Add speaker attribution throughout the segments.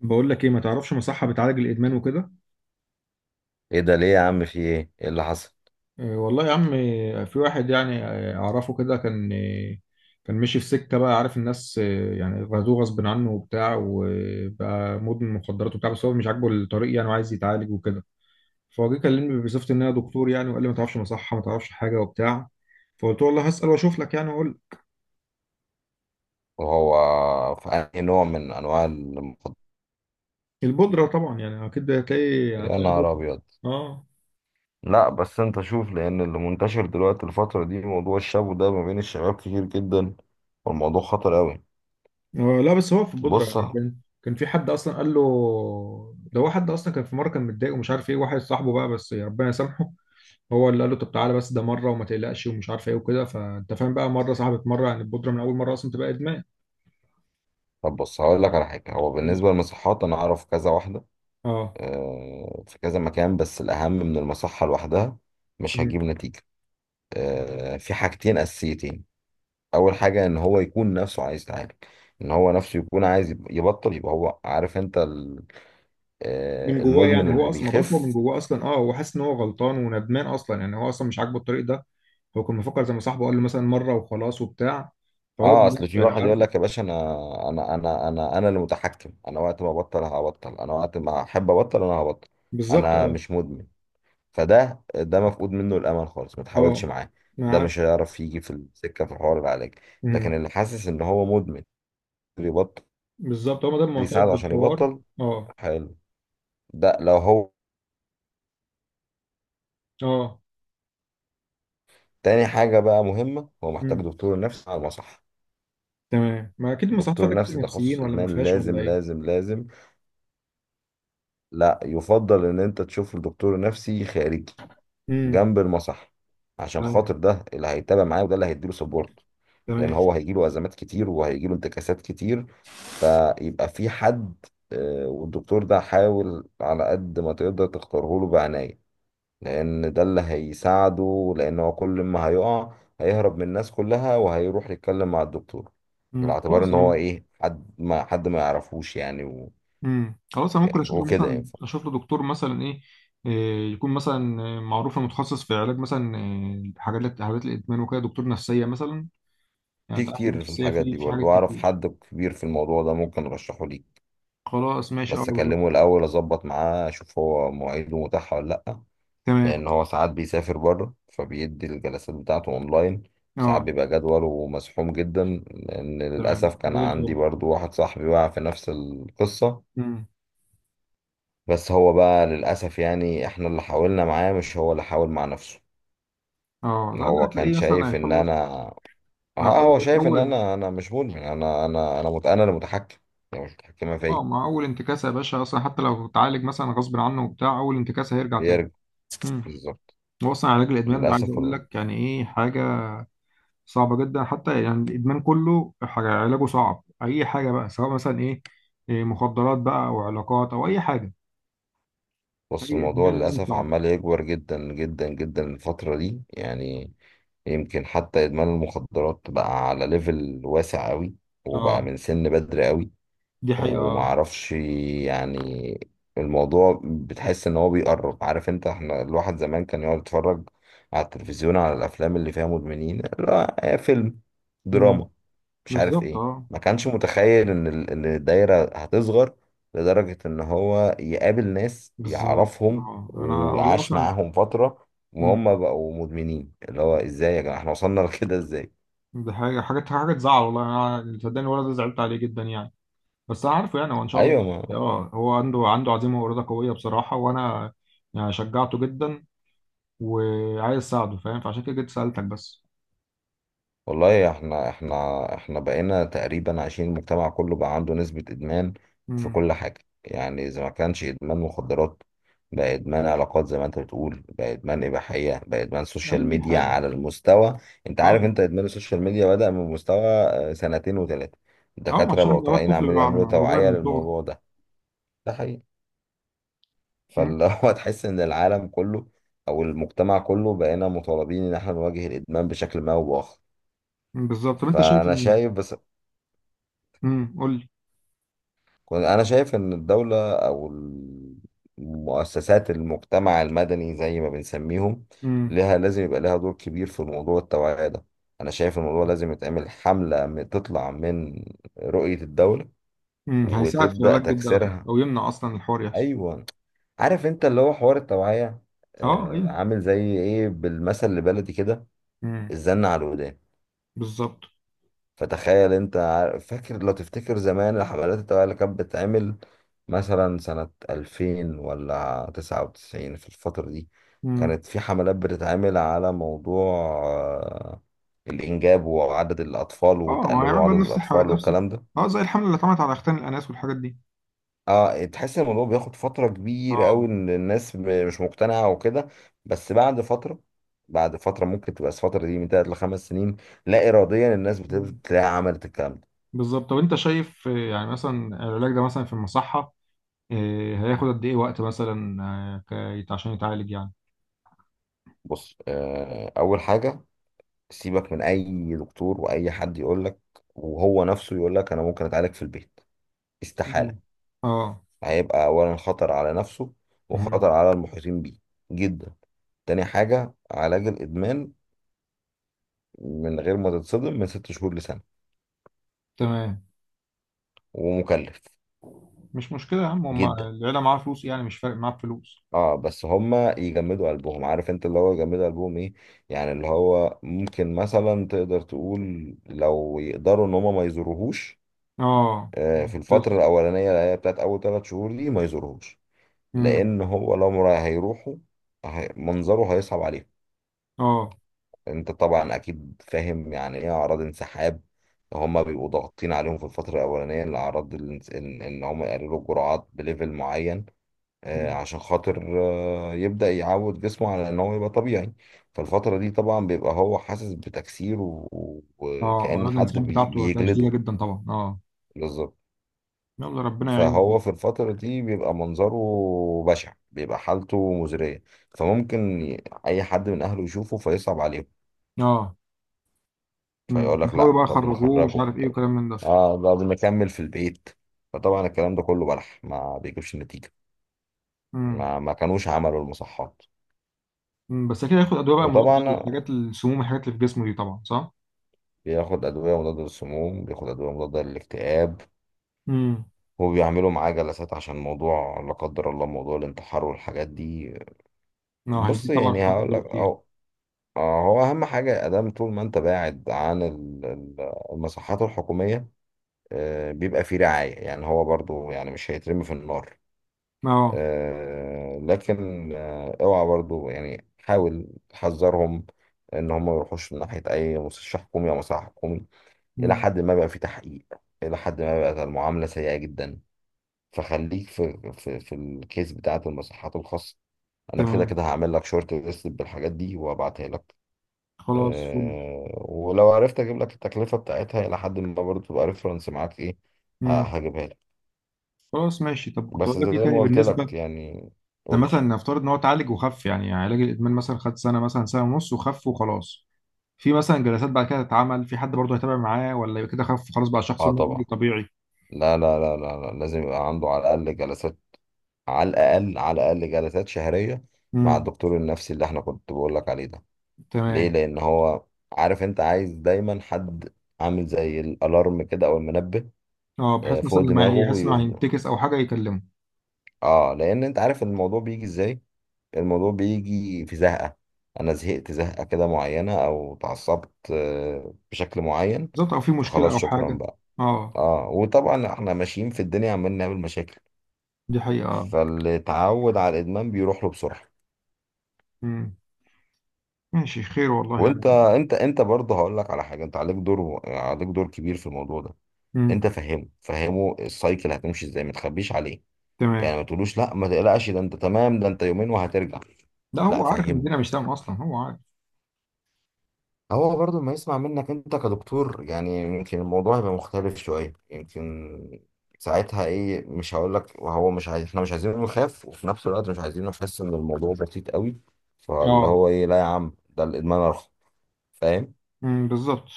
Speaker 1: بقول لك ايه، ما تعرفش مصحة بتعالج الادمان وكده.
Speaker 2: ايه ده ليه يا عم؟ في ايه اللي حصل؟
Speaker 1: إيه والله يا عم، في واحد يعني، اعرفه كده، كان ماشي في سكه، بقى عارف الناس، يعني غزوه غصب عنه وبتاع، وبقى مدمن مخدرات وبتاع، بس هو مش عاجبه الطريق يعني، وعايز يتعالج وكده. فهو جه كلمني بصفتي ان انا دكتور يعني، وقال لي ما تعرفش مصحه، ما تعرفش حاجه وبتاع. فقلت له والله هسال واشوف لك يعني، واقول لك.
Speaker 2: وهو في انهي نوع من انواع المخدرات؟
Speaker 1: البودره طبعا، يعني اكيد
Speaker 2: يا
Speaker 1: هتلاقي
Speaker 2: نهار
Speaker 1: بودره.
Speaker 2: ابيض!
Speaker 1: اه.
Speaker 2: لا بس انت شوف، لان اللي منتشر دلوقتي الفتره دي موضوع الشابو ده ما بين الشباب كتير جدا، والموضوع خطر قوي.
Speaker 1: لا، بس هو في البودرة
Speaker 2: بص.
Speaker 1: يعني، كان في حد اصلا قال له. ده هو حد اصلا، كان في مره كان متضايق ومش عارف ايه، واحد صاحبه بقى، بس ربنا يسامحه. هو اللي قال له طب تعالى، بس ده مره وما تقلقش ومش عارف ايه وكده. فانت فاهم بقى، مره صاحبت مره يعني البودرة، من اول مره اصلا تبقى ادمان.
Speaker 2: طب بص، هقول لك على حاجه. هو بالنسبه للمصحات انا اعرف كذا واحده.
Speaker 1: اه.
Speaker 2: في كذا مكان، بس الاهم من المصحه لوحدها مش
Speaker 1: مم.
Speaker 2: هجيب نتيجه. في حاجتين اساسيتين. اول حاجه ان هو يكون نفسه عايز يتعالج، ان هو نفسه يكون عايز يبطل. يبقى هو عارف، انت
Speaker 1: من جواه
Speaker 2: المدمن
Speaker 1: يعني، هو
Speaker 2: اللي
Speaker 1: اصلا ما بالك، هو من
Speaker 2: بيخف.
Speaker 1: جواه اصلا، اه، هو حاسس ان هو غلطان وندمان اصلا يعني، هو اصلا مش عاجبه الطريق ده. هو كان مفكر زي ما صاحبه قال له، مثلا مره وخلاص وبتاع. فهو
Speaker 2: اه، اصل
Speaker 1: بنفسه
Speaker 2: في
Speaker 1: يعني
Speaker 2: واحد
Speaker 1: عارف.
Speaker 2: يقول لك يا باشا، انا اللي متحكم، انا وقت ما ابطل هبطل، انا وقت ما احب ابطل انا هبطل،
Speaker 1: بالظبط
Speaker 2: انا
Speaker 1: اه.
Speaker 2: مش مدمن. فده مفقود منه الامل خالص، ما تحاولش
Speaker 1: اه،
Speaker 2: معاه. ده
Speaker 1: معاك.
Speaker 2: مش هيعرف يجي في السكه في حوار العلاج. لكن اللي حاسس ان هو مدمن يبطل،
Speaker 1: بالظبط، هو ما دام معترف
Speaker 2: يساعده عشان
Speaker 1: بالحوار.
Speaker 2: يبطل.
Speaker 1: اه.
Speaker 2: حلو. ده لو هو.
Speaker 1: اه.
Speaker 2: تاني حاجة بقى مهمة، هو محتاج
Speaker 1: امم
Speaker 2: دكتور نفسي على المصح.
Speaker 1: تمام، ما اكيد المصحات فيها
Speaker 2: دكتور نفسي
Speaker 1: دكاتره
Speaker 2: تخصص
Speaker 1: نفسيين، ولا ما
Speaker 2: إدمان،
Speaker 1: فيهاش، ولا
Speaker 2: لازم
Speaker 1: ايه؟
Speaker 2: لازم لازم. لا، يفضل إن أنت تشوف دكتور نفسي خارجي
Speaker 1: امم
Speaker 2: جنب المصح، عشان
Speaker 1: تمام.
Speaker 2: خاطر ده اللي هيتابع معاه، وده اللي هيديله سبورت. لأن
Speaker 1: تمام.
Speaker 2: هو هيجيله أزمات كتير، وهيجيله انتكاسات كتير، فيبقى في حد. والدكتور ده حاول على قد ما تقدر تختاره له بعناية، لان ده اللي هيساعده، لان هو كل ما هيقع هيهرب من الناس كلها وهيروح يتكلم مع الدكتور، على اعتبار
Speaker 1: خلاص
Speaker 2: ان هو
Speaker 1: انا.
Speaker 2: ايه، حد ما يعرفوش يعني
Speaker 1: خلاص انا ممكن
Speaker 2: يعني وكده ينفع.
Speaker 1: اشوف له دكتور مثلا ايه. إيه، يكون مثلا معروف متخصص في علاج مثلا، حاجات، حالات الادمان وكده، دكتور نفسيه مثلا. يعني
Speaker 2: في
Speaker 1: انت عارف إن
Speaker 2: كتير، في
Speaker 1: النفسيه
Speaker 2: الحاجات
Speaker 1: في
Speaker 2: دي
Speaker 1: في حاجات
Speaker 2: برضه اعرف
Speaker 1: كتير.
Speaker 2: حد كبير في الموضوع ده ممكن ارشحه ليك.
Speaker 1: خلاص ماشي اه.
Speaker 2: بس اكلمه الاول اظبط معاه، اشوف هو مواعيده متاحه ولا لا،
Speaker 1: تمام.
Speaker 2: لان هو ساعات بيسافر بره فبيدي الجلسات بتاعته اونلاين، ساعات
Speaker 1: اه.
Speaker 2: بيبقى جدوله مزحوم جدا. لان
Speaker 1: تمام
Speaker 2: للاسف كان
Speaker 1: زي
Speaker 2: عندي
Speaker 1: الفل.
Speaker 2: برضو واحد صاحبي وقع في نفس القصه،
Speaker 1: امم
Speaker 2: بس هو بقى للأسف يعني احنا اللي حاولنا معاه، مش هو اللي حاول مع نفسه.
Speaker 1: اه، لا، ده
Speaker 2: هو كان
Speaker 1: هتلاقيه مثلا
Speaker 2: شايف ان
Speaker 1: هيخلص.
Speaker 2: انا
Speaker 1: مع
Speaker 2: ها، هو
Speaker 1: اول
Speaker 2: شايف ان
Speaker 1: اول
Speaker 2: انا، انا مش مدمن انا انا اللي متحكم، يعني مش متحكمة
Speaker 1: اه،
Speaker 2: فيا.
Speaker 1: مع اول انتكاسه يا باشا، اصلا حتى لو اتعالج مثلا غصب عنه وبتاع، اول انتكاسه هيرجع تاني.
Speaker 2: بيرجع،
Speaker 1: امم
Speaker 2: بالظبط.
Speaker 1: هو اصلا علاج الادمان ده، عايز
Speaker 2: للأسف
Speaker 1: اقول لك يعني ايه، حاجه صعبه جدا، حتى يعني الادمان كله، حاجه علاجه صعب، اي حاجه بقى، سواء مثلا إيه، مخدرات بقى، او علاقات، او اي حاجه.
Speaker 2: بص،
Speaker 1: اي
Speaker 2: الموضوع
Speaker 1: ادمان لازم
Speaker 2: للأسف
Speaker 1: صعب.
Speaker 2: عمال يكبر جدا جدا جدا الفترة دي، يعني يمكن حتى إدمان المخدرات بقى على ليفل واسع قوي، وبقى
Speaker 1: اه.
Speaker 2: من سن بدري قوي.
Speaker 1: دي حقيقه اه.
Speaker 2: ومعرفش يعني، الموضوع بتحس ان هو بيقرب. عارف انت، احنا الواحد زمان كان يقعد يتفرج على التلفزيون على الافلام اللي فيها مدمنين، لا هي فيلم
Speaker 1: امم
Speaker 2: دراما مش عارف
Speaker 1: بالظبط
Speaker 2: ايه،
Speaker 1: اه.
Speaker 2: ما كانش متخيل ان ان الدايرة هتصغر لدرجة ان هو يقابل ناس
Speaker 1: بالظبط
Speaker 2: يعرفهم
Speaker 1: اه، انا والله
Speaker 2: وعاش
Speaker 1: اصلا.
Speaker 2: معاهم فترة
Speaker 1: امم
Speaker 2: وهم بقوا مدمنين. اللي هو ازاي يا جماعة احنا وصلنا لكده، ازاي؟
Speaker 1: دي حاجه حاجه حاجه تزعل، والله انا، صدقني الولد ده زعلت عليه جدا يعني. بس عارفه يعني، هو ان شاء الله
Speaker 2: ايوه. ما
Speaker 1: ماشي. اه، هو عنده عزيمه واراده قويه بصراحه، وانا يعني شجعته جدا، وعايز اساعده فاهم، فعشان كده جيت سالتك بس.
Speaker 2: والله احنا، احنا بقينا تقريبا عايشين المجتمع كله بقى عنده نسبة ادمان في
Speaker 1: امم
Speaker 2: كل حاجة، يعني اذا ما كانش ادمان مخدرات بقى ادمان علاقات زي ما انت بتقول، بقى ادمان اباحية، بقى ادمان سوشيال
Speaker 1: اي
Speaker 2: ميديا
Speaker 1: حاجه.
Speaker 2: على المستوى. انت عارف
Speaker 1: اه.
Speaker 2: انت، ادمان السوشيال ميديا بدأ من مستوى سنتين وثلاثة.
Speaker 1: اه،
Speaker 2: الدكاترة
Speaker 1: عشان
Speaker 2: بقوا
Speaker 1: هو
Speaker 2: طالعين
Speaker 1: الطفل
Speaker 2: عمالين
Speaker 1: بيبقى على
Speaker 2: يعملوا
Speaker 1: الموبايل
Speaker 2: توعية
Speaker 1: من صغره.
Speaker 2: للموضوع ده. ده حقيقي.
Speaker 1: امم
Speaker 2: فاللي هو تحس ان العالم كله او المجتمع كله بقينا مطالبين ان احنا نواجه الادمان بشكل ما او باخر.
Speaker 1: بالظبط. طب انت شايف
Speaker 2: فانا
Speaker 1: ان.
Speaker 2: شايف، بس
Speaker 1: قول لي.
Speaker 2: أنا شايف إن الدولة أو المؤسسات المجتمع المدني زي ما بنسميهم،
Speaker 1: امم
Speaker 2: لها لازم يبقى لها دور كبير في موضوع التوعية ده. أنا شايف الموضوع لازم يتعمل حملة تطلع من رؤية الدولة
Speaker 1: هيساعد في
Speaker 2: وتبدأ
Speaker 1: العلاج جدا على فكره،
Speaker 2: تكسرها.
Speaker 1: او يمنع اصلا الحوار يحصل.
Speaker 2: أيوة، عارف أنت اللي هو حوار التوعية
Speaker 1: اه ايوه.
Speaker 2: عامل زي إيه، بالمثل البلدي كده،
Speaker 1: امم
Speaker 2: الزن على الودان.
Speaker 1: بالظبط.
Speaker 2: فتخيل انت فاكر، لو تفتكر زمان الحفلات التوعية اللي كانت بتتعمل مثلا سنة 2000 ولا 99 في الفترة دي،
Speaker 1: امم
Speaker 2: كانت في حملات بتتعمل على موضوع الإنجاب وعدد الأطفال
Speaker 1: اه، ما
Speaker 2: وتقللوا
Speaker 1: هيعمل
Speaker 2: عدد
Speaker 1: بقى نفس الحوادث،
Speaker 2: الأطفال
Speaker 1: نفس
Speaker 2: والكلام ده.
Speaker 1: اه، زي الحمله اللي اتعملت على اختان الاناث والحاجات دي.
Speaker 2: اه، تحس ان الموضوع بياخد فترة كبيرة قوي،
Speaker 1: اه،
Speaker 2: ان الناس مش مقتنعة وكده، بس بعد فترة ممكن تبقى الفترة دي من 3 لـ5 سنين، لا إراديا الناس بتبدأ تلاقي عملت الكلام ده.
Speaker 1: بالظبط. طب انت شايف يعني مثلا العلاج ده مثلا في المصحة، هياخد قد ايه وقت مثلا، عشان يتعالج يعني.
Speaker 2: بص، اول حاجه سيبك من اي دكتور واي حد يقول لك، وهو نفسه يقول لك انا ممكن اتعالج في البيت، استحاله.
Speaker 1: مم. اه.
Speaker 2: هيبقى اولا خطر على نفسه
Speaker 1: مهم.
Speaker 2: وخطر على المحيطين بيه جدا. تاني حاجه، علاج الادمان من غير ما تتصدم من 6 شهور لسنه،
Speaker 1: تمام.
Speaker 2: ومكلف
Speaker 1: مش مشكلة يا عم، هما
Speaker 2: جدا.
Speaker 1: العيلة معاها فلوس يعني، مش فارق معاها فلوس.
Speaker 2: اه، بس هما يجمدوا قلبهم. عارف انت اللي هو يجمدوا قلبهم ايه، يعني اللي هو ممكن مثلا تقدر تقول لو يقدروا ان هما ما يزوروهوش
Speaker 1: اه.
Speaker 2: في الفترة
Speaker 1: بس.
Speaker 2: الأولانية اللي هي بتاعت أول 3 شهور دي، ما يزورهوش،
Speaker 1: مم.
Speaker 2: لأن هو لو هيروحوا، منظره هيصعب عليهم.
Speaker 1: اه.
Speaker 2: أنت طبعا أكيد فاهم يعني إيه أعراض انسحاب. هما بيبقوا ضاغطين عليهم في الفترة الأولانية الأعراض إن هما يقللوا الجرعات بليفل معين
Speaker 1: مم.
Speaker 2: عشان خاطر يبدأ يعود جسمه على إن هو يبقى طبيعي. فالفترة دي طبعا بيبقى هو حاسس بتكسير
Speaker 1: اه،
Speaker 2: وكأن
Speaker 1: أعراض
Speaker 2: حد
Speaker 1: الانسحاب بتاعته هتلاقيها شديدة
Speaker 2: بيجلده.
Speaker 1: جدا طبعا، اه، يلا ربنا يعينه.
Speaker 2: فهو في الفترة دي بيبقى منظره بشع، بيبقى حالته مزرية، فممكن أي حد من أهله يشوفه فيصعب عليهم،
Speaker 1: اه. مم.
Speaker 2: فيقول لك
Speaker 1: يحاولوا
Speaker 2: لا
Speaker 1: بقى
Speaker 2: طب
Speaker 1: يخرجوه، ومش
Speaker 2: نخرجه،
Speaker 1: عارف ايه،
Speaker 2: طب
Speaker 1: وكلام من ده.
Speaker 2: طب نكمل في البيت. فطبعا الكلام ده كله بلح، ما بيجيبش نتيجة
Speaker 1: مم.
Speaker 2: ما كانوش عملوا المصحات.
Speaker 1: مم. بس أكيد هياخد أدوية بقى مضادة
Speaker 2: وطبعا
Speaker 1: للحاجات، السموم، الحاجات اللي في جسمه دي طبعا، صح؟
Speaker 2: بياخد أدوية مضادة للسموم، بياخد أدوية مضادة للاكتئاب،
Speaker 1: مم.
Speaker 2: وبيعملوا معاه جلسات عشان موضوع لا قدر الله موضوع الانتحار والحاجات دي.
Speaker 1: اه،
Speaker 2: بص
Speaker 1: هيزيد طبعا في
Speaker 2: يعني
Speaker 1: الفترة
Speaker 2: هقول
Speaker 1: دي
Speaker 2: لك،
Speaker 1: بكتير.
Speaker 2: هو أهم حاجة أدام، طول ما أنت بعد عن المساحات الحكومية بيبقى فيه رعاية، يعني هو برضو يعني مش هيترمي في النار.
Speaker 1: اه.
Speaker 2: لكن اوعى برضو يعني، حاول تحذرهم إن هم ما يروحوش من ناحية أي مستشفى حكومي أو مصحة حكومي، إلى
Speaker 1: مم.
Speaker 2: حد ما بقى فيه تحقيق، إلى حد ما بقت المعاملة سيئة جدا. فخليك في في الكيس بتاعة المساحات الخاصة. أنا كده
Speaker 1: تمام.
Speaker 2: كده هعمل لك شورت ليست بالحاجات دي وأبعتها لك.
Speaker 1: خلاص فل.
Speaker 2: ولو عرفت اجيب لك التكلفه بتاعتها الى حد ما برضه، تبقى ريفرنس معاك ايه،
Speaker 1: مم.
Speaker 2: هجيبها لك.
Speaker 1: خلاص ماشي، طب كنت
Speaker 2: بس
Speaker 1: اقول لك ايه
Speaker 2: زي ما
Speaker 1: تاني
Speaker 2: قلت لك
Speaker 1: بالنسبة،
Speaker 2: يعني.
Speaker 1: ده
Speaker 2: قول لي.
Speaker 1: مثلا نفترض ان هو اتعالج وخف، يعني علاج الادمان مثلا خد سنة، مثلا سنة ونص وخف وخلاص. في مثلا جلسات بعد كده تتعمل؟ في حد برضه هيتابع معاه، ولا يبقى كده خف خلاص، بقى شخص
Speaker 2: اه
Speaker 1: نورمالي
Speaker 2: طبعا.
Speaker 1: طبيعي؟
Speaker 2: لا لا لا لا لا، لازم يبقى عنده على الاقل جلسات، على الاقل جلسات شهريه مع
Speaker 1: امم
Speaker 2: الدكتور النفسي اللي احنا كنت بقول لك عليه ده. ليه؟
Speaker 1: تمام.
Speaker 2: لان هو، عارف انت، عايز دايما حد عامل زي الالارم كده او المنبه
Speaker 1: اه، بحيث
Speaker 2: فوق
Speaker 1: مثلا لما
Speaker 2: دماغه
Speaker 1: يحس انه
Speaker 2: يفضل.
Speaker 1: هينتكس او حاجة يكلمه.
Speaker 2: اه، لان انت عارف الموضوع بيجي ازاي. الموضوع بيجي في زهقة، أنا زهقت زهقة كده معينة أو اتعصبت بشكل معين،
Speaker 1: بالظبط، او في مشكلة
Speaker 2: فخلاص
Speaker 1: او
Speaker 2: شكرا
Speaker 1: حاجة.
Speaker 2: بقى.
Speaker 1: اه،
Speaker 2: اه، وطبعا احنا ماشيين في الدنيا عمالين نعمل مشاكل،
Speaker 1: دي حقيقة اه.
Speaker 2: فاللي اتعود على الإدمان بيروح له بسرعة.
Speaker 1: مم. ماشي، خير والله يعني.
Speaker 2: وانت، انت برضه هقول لك على حاجة، انت عليك دور، عليك دور كبير في الموضوع ده.
Speaker 1: امم
Speaker 2: انت فهمه، فهمه السايكل هتمشي ازاي، ما تخبيش عليه،
Speaker 1: تمام.
Speaker 2: يعني ما تقولوش لا ما تقلقش ده انت تمام، ده انت يومين وهترجع،
Speaker 1: لا، هو
Speaker 2: لا
Speaker 1: عارف ان الدنيا
Speaker 2: فهمه.
Speaker 1: مش تمام اصلا، هو عارف.
Speaker 2: هو برضو ما يسمع منك انت كدكتور، يعني يمكن الموضوع يبقى مختلف شوية، يمكن ساعتها ايه، مش هقول لك وهو مش عايز، احنا مش عايزينه يخاف، وفي نفس الوقت مش عايزينه يحس ان الموضوع بسيط قوي، فاللي
Speaker 1: اه.
Speaker 2: هو ايه، لا يا عم ده الادمان ارخص، فاهم.
Speaker 1: بالظبط.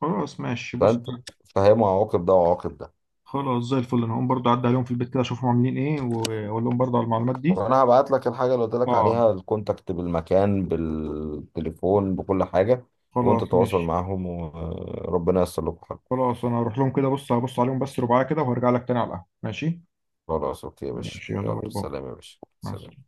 Speaker 1: خلاص ماشي، بص.
Speaker 2: فانت فاهم عواقب ده وعواقب ده.
Speaker 1: خلاص زي الفل، انا هقوم برضه اعدي عليهم في البيت كده، اشوفهم عاملين ايه واقول لهم برضه على المعلومات دي.
Speaker 2: وانا هبعت لك الحاجة اللي قلت لك
Speaker 1: اه.
Speaker 2: عليها، الكونتاكت بالمكان بالتليفون بكل حاجة، وانت
Speaker 1: خلاص
Speaker 2: تواصل
Speaker 1: ماشي.
Speaker 2: معاهم وربنا ييسر لكم حاجة.
Speaker 1: خلاص انا هروح لهم كده، بص هبص عليهم بس رباعية كده، وهرجع لك تاني على القهوة، ماشي.
Speaker 2: خلاص، اوكي يا باشا،
Speaker 1: ماشي يلا،
Speaker 2: يلا
Speaker 1: باي باي.
Speaker 2: سلام يا باشا،
Speaker 1: مع السلامة.
Speaker 2: سلام.